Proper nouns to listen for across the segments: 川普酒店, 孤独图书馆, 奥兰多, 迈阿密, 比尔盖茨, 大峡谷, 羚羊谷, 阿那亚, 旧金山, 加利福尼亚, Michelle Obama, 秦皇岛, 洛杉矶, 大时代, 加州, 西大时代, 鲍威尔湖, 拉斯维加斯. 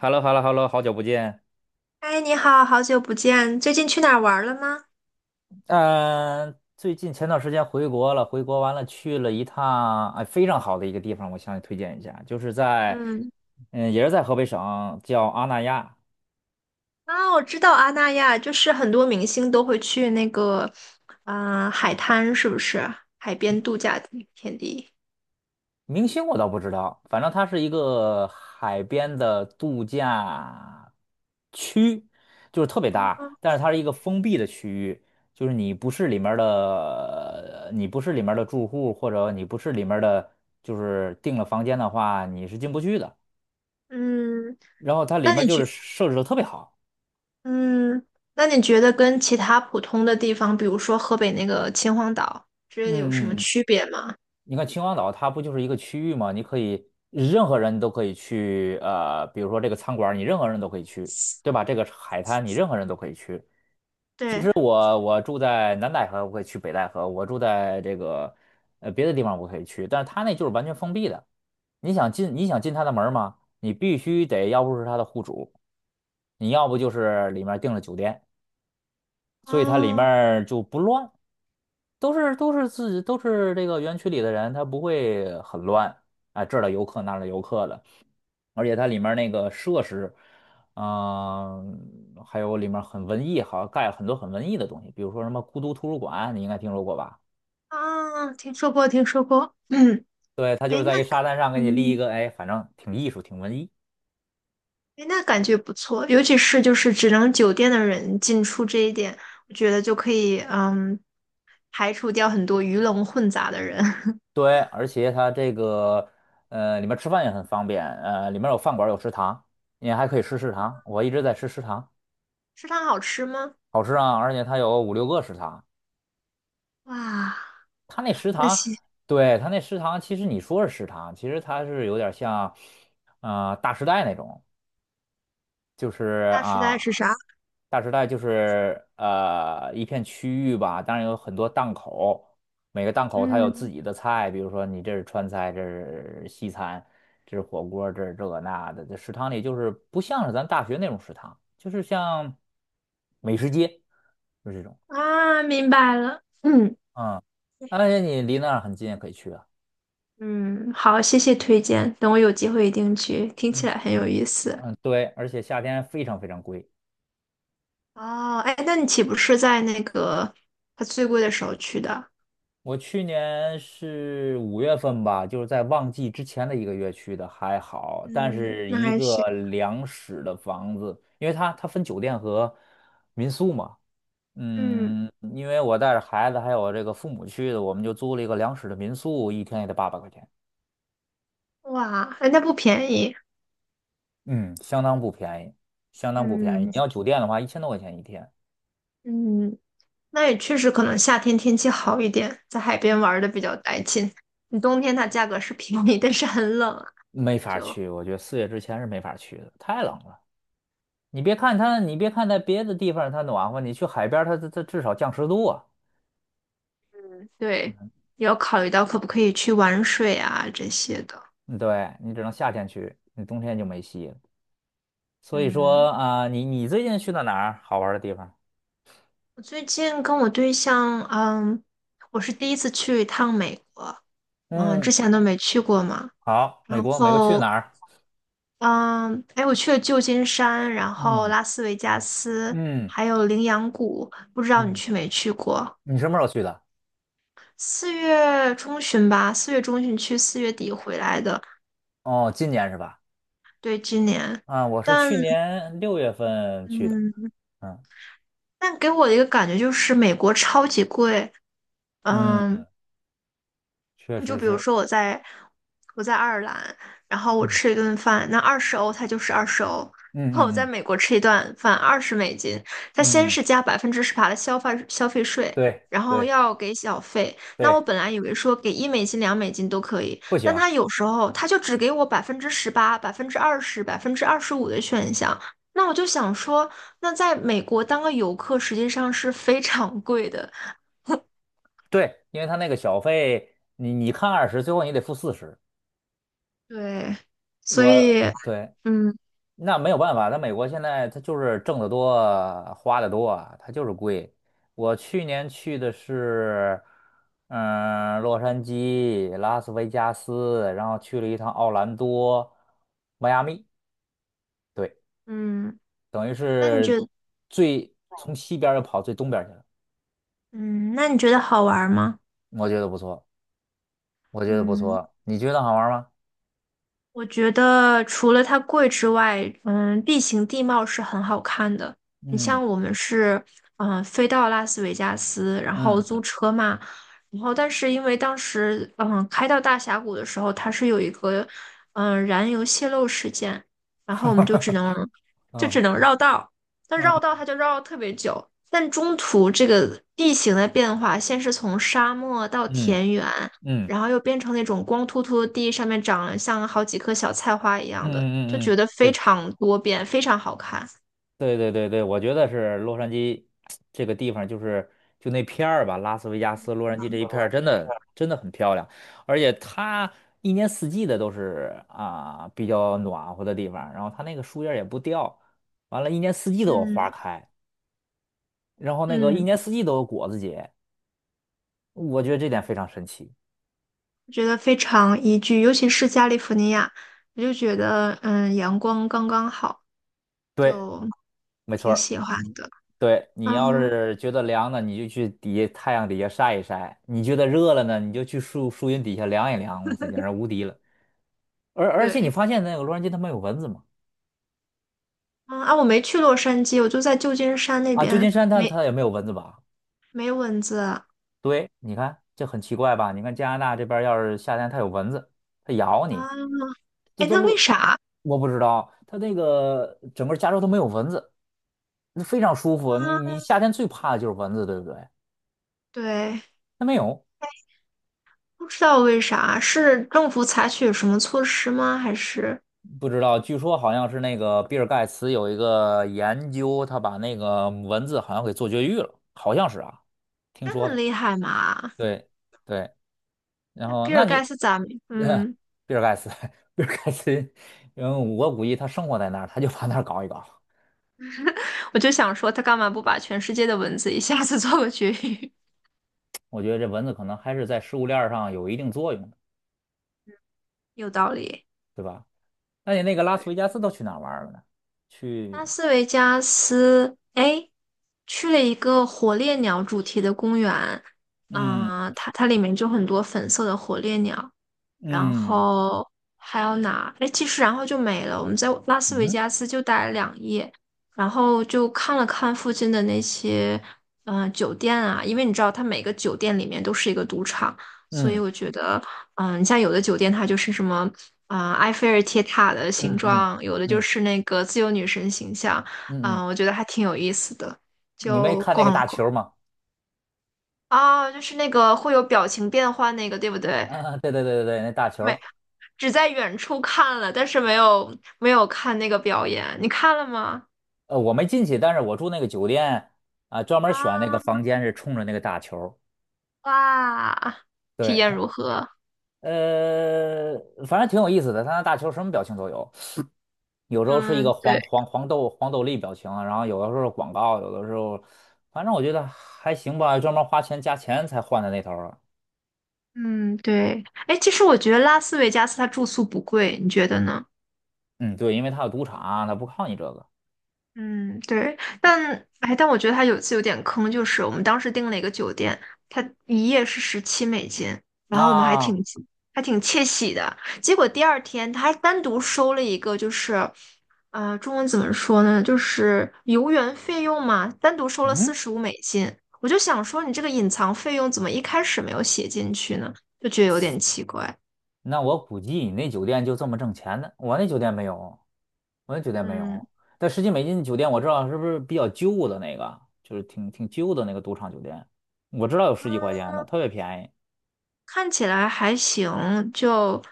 h e l l o h e l l o h e l l o 好久不见。哎，你好，好久不见，最近去哪儿玩了吗？嗯、最近前段时间回国了，回国完了去了一趟，哎，非常好的一个地方，我向你推荐一下，就是在，嗯，嗯，也是在河北省，叫阿那亚。啊，我知道阿那亚，就是很多明星都会去那个，啊、海滩是不是？海边度假地天地。明星我倒不知道，反正它是一个海边的度假区，就是特别大，哦但是它是一个封闭的区域，就是你不是里面儿的，你不是里面儿的住户，或者你不是里面儿的，就是订了房间的话，你是进不去的。嗯，然后它里那面你就觉，是设置的特别好。嗯，那你觉得跟其他普通的地方，比如说河北那个秦皇岛之类的，有什么嗯嗯，区别吗？你看秦皇岛它不就是一个区域吗？你可以任何人都可以去，比如说这个餐馆儿你任何人都可以去，对吧？这个海滩你任何人都可以去。其对，实我住在南戴河，我可以去北戴河；我住在这个别的地方我可以去，但是它那就是完全封闭的。你想进你想进它的门儿吗？你必须得要不是它的户主，你要不就是里面订了酒店，所以它里面哦，儿就不乱。都是自己都是这个园区里的人，他不会很乱啊，这儿的游客那儿的游客的，而且它里面那个设施，还有里面很文艺，好像盖了很多很文艺的东西，比如说什么孤独图书馆，你应该听说过吧？啊，听说过，听说过。嗯，对，它就哎，是那，在一沙滩上给你立一嗯，个，哎，反正挺艺术，挺文艺。哎，那感觉不错，尤其是就是只能酒店的人进出这一点，我觉得就可以排除掉很多鱼龙混杂的人。对，而且它这个里面吃饭也很方便，里面有饭馆有食堂，你还可以吃食堂，我一直在吃食堂，食堂好吃吗？好吃啊，而且它有5、6个食堂。哇，他那食那堂，西对，他那食堂，其实你说是食堂，其实它是有点像，大时代那种，就是大时代是啊，啥？大时代就是一片区域吧，当然有很多档口，每个档口它有自嗯己的菜，比如说你这是川菜，这是西餐，这是火锅，这是这个那的，这食堂里就是不像是咱大学那种食堂，就是像美食街，就是这种，明白了。嗯嗯，而且你离那儿很近也可以去啊。嗯，好，谢谢推荐，等我有机会一定去，听起嗯来很有意思。嗯，对，而且夏天非常非常贵。哦，哎，那你岂不是在那个它最贵的时候去的？我去年是5月份吧，就是在旺季之前的一个月去的，还好。但嗯，是那一还个行。两室的房子，因为它分酒店和民宿嘛，嗯，嗯，因为我带着孩子还有这个父母去的，我们就租了一个两室的民宿，一天也得800块钱，哇，哎，那不便宜。嗯，相当不便宜，相当不便宜。你嗯。要酒店的话，1000多块钱一天，嗯，那也确实可能夏天天气好一点，在海边玩的比较带劲。你冬天它价格是便宜，但是很冷啊，没法就去，我觉得4月之前是没法去的，太冷了。你别看它，你别看在别的地方它暖和，你去海边儿它至少降10度啊。对，也要考虑到可不可以去玩水啊这些的。嗯对，你只能夏天去，你冬天就没戏了。所以嗯，说啊、你最近去到哪儿好玩儿的地方？我最近跟我对象，我是第一次去一趟美国，嗯，之嗯，前都没去过嘛。好，然美国，美国去后，哪儿？嗯，哎，我去了旧金山，然后嗯拉斯维加斯，嗯还有羚羊谷，不知道你嗯，去没去过？你什么时候去的？四月中旬吧，四月中旬去，四月底回来的。哦，今年是吧？对，今年，啊，我是但去年6月份去的。嗯，嗯但给我的一个感觉就是美国超级贵，嗯，嗯。确就实比如是。说我在爱尔兰，然后我嗯吃一顿饭，那二十欧它就是二十欧。嗯然后我嗯在嗯美国吃一顿饭二十美金，它先嗯嗯，是加百分之十八的消费税，对然后对要给小费。那我对，本来以为说给1美金、2美金都可以，不但行，他有时候他就只给我百分之十八、百分之二十、25%的选项。那我就想说，那在美国当个游客实际上是非常贵的，对，因为他那个小费，你看20，最后你得付40。对，所我以对，嗯那没有办法，他美国现在他就是挣得多，花得多他就是贵。我去年去的是，嗯，洛杉矶、拉斯维加斯，然后去了一趟奥兰多、迈阿密，对，嗯。等于那你觉是得，最从西边儿又跑最东边儿去了，嗯，那你觉得好玩吗？我觉得不错，我觉得不嗯，错，你觉得好玩吗？我觉得除了它贵之外，地形地貌是很好看的。你嗯像我们是，飞到拉斯维加斯，然后嗯 租 车嘛，然后但是因为当时，开到大峡谷的时候，它是有一个，燃油泄漏事件，然后我们就只能，就只嗯能绕道。但嗯。绕道 它就绕了特别久，但中途这个地形的变化，先是从沙漠到嗯田园。嗯然后又变成那种光秃秃的地，上面长了像好几棵小菜花一嗯样的，就嗯嗯觉嗯，得非对常多变，非常好看。对对对对，我觉得是洛杉矶这个地方，就是就那片儿吧，拉斯维加斯、洛杉矶这一片儿，真的真的很漂亮，而且它一年四季的都是啊比较暖和的地方，然后它那个树叶儿也不掉，完了，一年四季都有花嗯开，然后那个一嗯，年四季都有果子结，我觉得这点非常神奇。觉得非常宜居，尤其是加利福尼亚，我就觉得阳光刚刚好，对，就没错挺儿。喜欢的。对，你要嗯，是觉得凉呢，你就去底下太阳底下晒一晒；你觉得热了呢，你就去树树荫底下凉一凉。哇塞，简直无敌了！而且你对，发现那个洛杉矶它没有蚊子吗？我没去洛杉矶，我就在旧金山那啊，旧金边，山它没它也没有蚊子吧？没蚊子啊。对，你看这很奇怪吧？你看加拿大这边儿要是夏天它有蚊子，它咬你，这哎，都那为落啥啊？我不知道，它那个整个加州都没有蚊子，那非常舒服。你夏天最怕的就是蚊子，对不对？对，它没有。不知道为啥，是政府采取什么措施吗？还是不知道，据说好像是那个比尔盖茨有一个研究，他把那个蚊子好像给做绝育了，好像是啊，听这说么的。厉害嘛？对对，然那后比那尔盖你茨咋没嗯，比尔盖茨，比尔盖茨，因为我估计他生活在那儿，他就把那儿搞一搞。我就想说，他干嘛不把全世界的蚊子一下子 做个绝育？我觉得这蚊子可能还是在食物链儿上有一定作用的，有道理。对吧？那你那个拉斯维加斯都去哪儿玩儿了呢？去，拉斯维加斯，哎，去了一个火烈鸟主题的公园，嗯啊、它它里面就很多粉色的火烈鸟，然嗯后还有哪？哎，其实然后就没了。我们在拉斯维嗯加斯就待了两夜，然后就看了看附近的那些酒店啊，因为你知道它每个酒店里面都是一个赌场，所以嗯我觉得你像有的酒店它就是什么啊、埃菲尔铁塔的形嗯嗯状，有的就嗯是那个自由女神形象，嗯嗯，我觉得还挺有意思的，你没就看那个逛了大逛。球吗？啊，就是那个会有表情变换那个，对不对？啊，对对对对对，那大球每儿只在远处看了，但是没有看那个表演。你看了吗？我没进去，但是我住那个酒店啊，专门选那个啊，房间是冲着那个大球儿哇，体对验他，如何？呃，反正挺有意思的，他那大球儿什么表情都有，有时候是一嗯，个黄对，黄黄豆黄豆粒表情啊，然后有的时候是广告，有的时候，反正我觉得还行吧，专门花钱加钱才换的那头儿啊嗯，对。哎，其实我觉得拉斯维加斯它住宿不贵，你觉得呢？嗯，对，因为他有赌场，他不靠你这个。嗯，对，但哎，但我觉得他有一次有点坑，就是我们当时订了一个酒店，他一夜是17美金，然那、后我们还挺啊还挺窃喜的，结果第二天他还单独收了一个，就是，呃，中文怎么说呢，就是游园费用嘛，单独收了四嗯，十五美金，我就想说你这个隐藏费用怎么一开始没有写进去呢？就觉得有点奇怪。那我估计你那酒店就这么挣钱的，我那酒店没有，我那酒店没嗯。有。但十几美金的酒店我知道是不是比较旧的那个，就是挺旧的那个赌场酒店，我知道有十几块钱的，特别便宜，看起来还行，就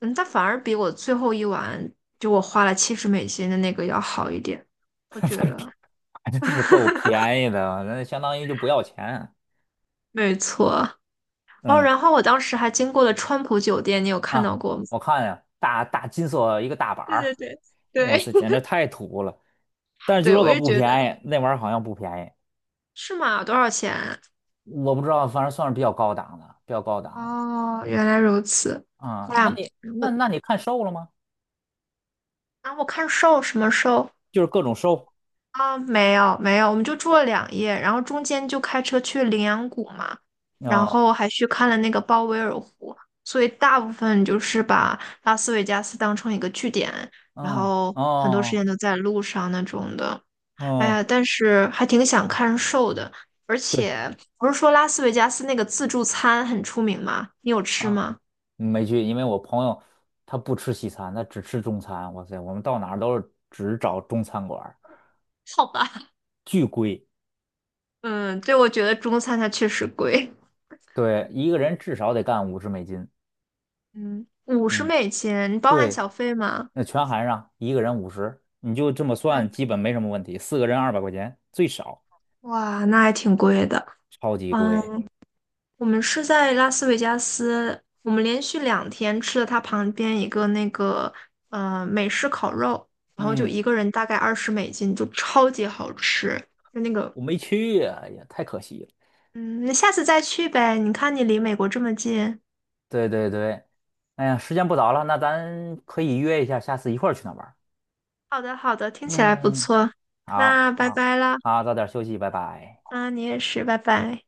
嗯，它反而比我最后一晚就我花了70美金的那个要好一点，我觉得。真是够 便宜的，那相当于就不要钱。没错。哦，嗯然后我当时还经过了川普酒店，你有看到啊，过吗？我看呀，大大金色一个大板对对儿，对哇对 塞，简直 太土了。但是据对，说我可也不觉得便宜，那玩意儿好像不便宜，是吗？多少钱？我不知道，反正算是比较高档的，比较高档的。哦，原来如此。啊，那那你那我那你看瘦了吗？啊，我看瘦什么瘦？就是各种收。啊，没有没有，我们就住了两夜，然后中间就开车去羚羊谷嘛，然哦，后还去看了那个鲍威尔湖，所以大部分就是把拉斯维加斯当成一个据点，然嗯，后很多时哦，间都在路上那种的。哎呀，哦，但是还挺想看 s h 的，而对且不是说拉斯维加斯那个自助餐很出名吗？你有吃啊，吗？没去，因为我朋友他不吃西餐，他只吃中餐。哇塞，我们到哪儿都是只找中餐馆儿，好吧，巨贵。嗯，对，我觉得中餐它确实贵，对，一个人至少得干50美金。嗯，五十嗯，美金，你包含对，小费吗？那全含上，一个人五十，你就这么算，基本没什么问题。四个人200块钱最少，哇，那还挺贵的。超级嗯，贵。我们是在拉斯维加斯，我们连续两天吃了它旁边一个那个美式烤肉，然后就嗯，一个人大概二十美金，就超级好吃。就那个，我没去呀，哎呀，太可惜了。嗯，你下次再去呗。你看你离美国这么近。对对对，哎呀，时间不早了，那咱可以约一下，下次一块儿去那玩儿。好的，好的，听起来不嗯，错。好那拜好拜啦。好，早点休息，拜拜。啊，你也是，拜拜。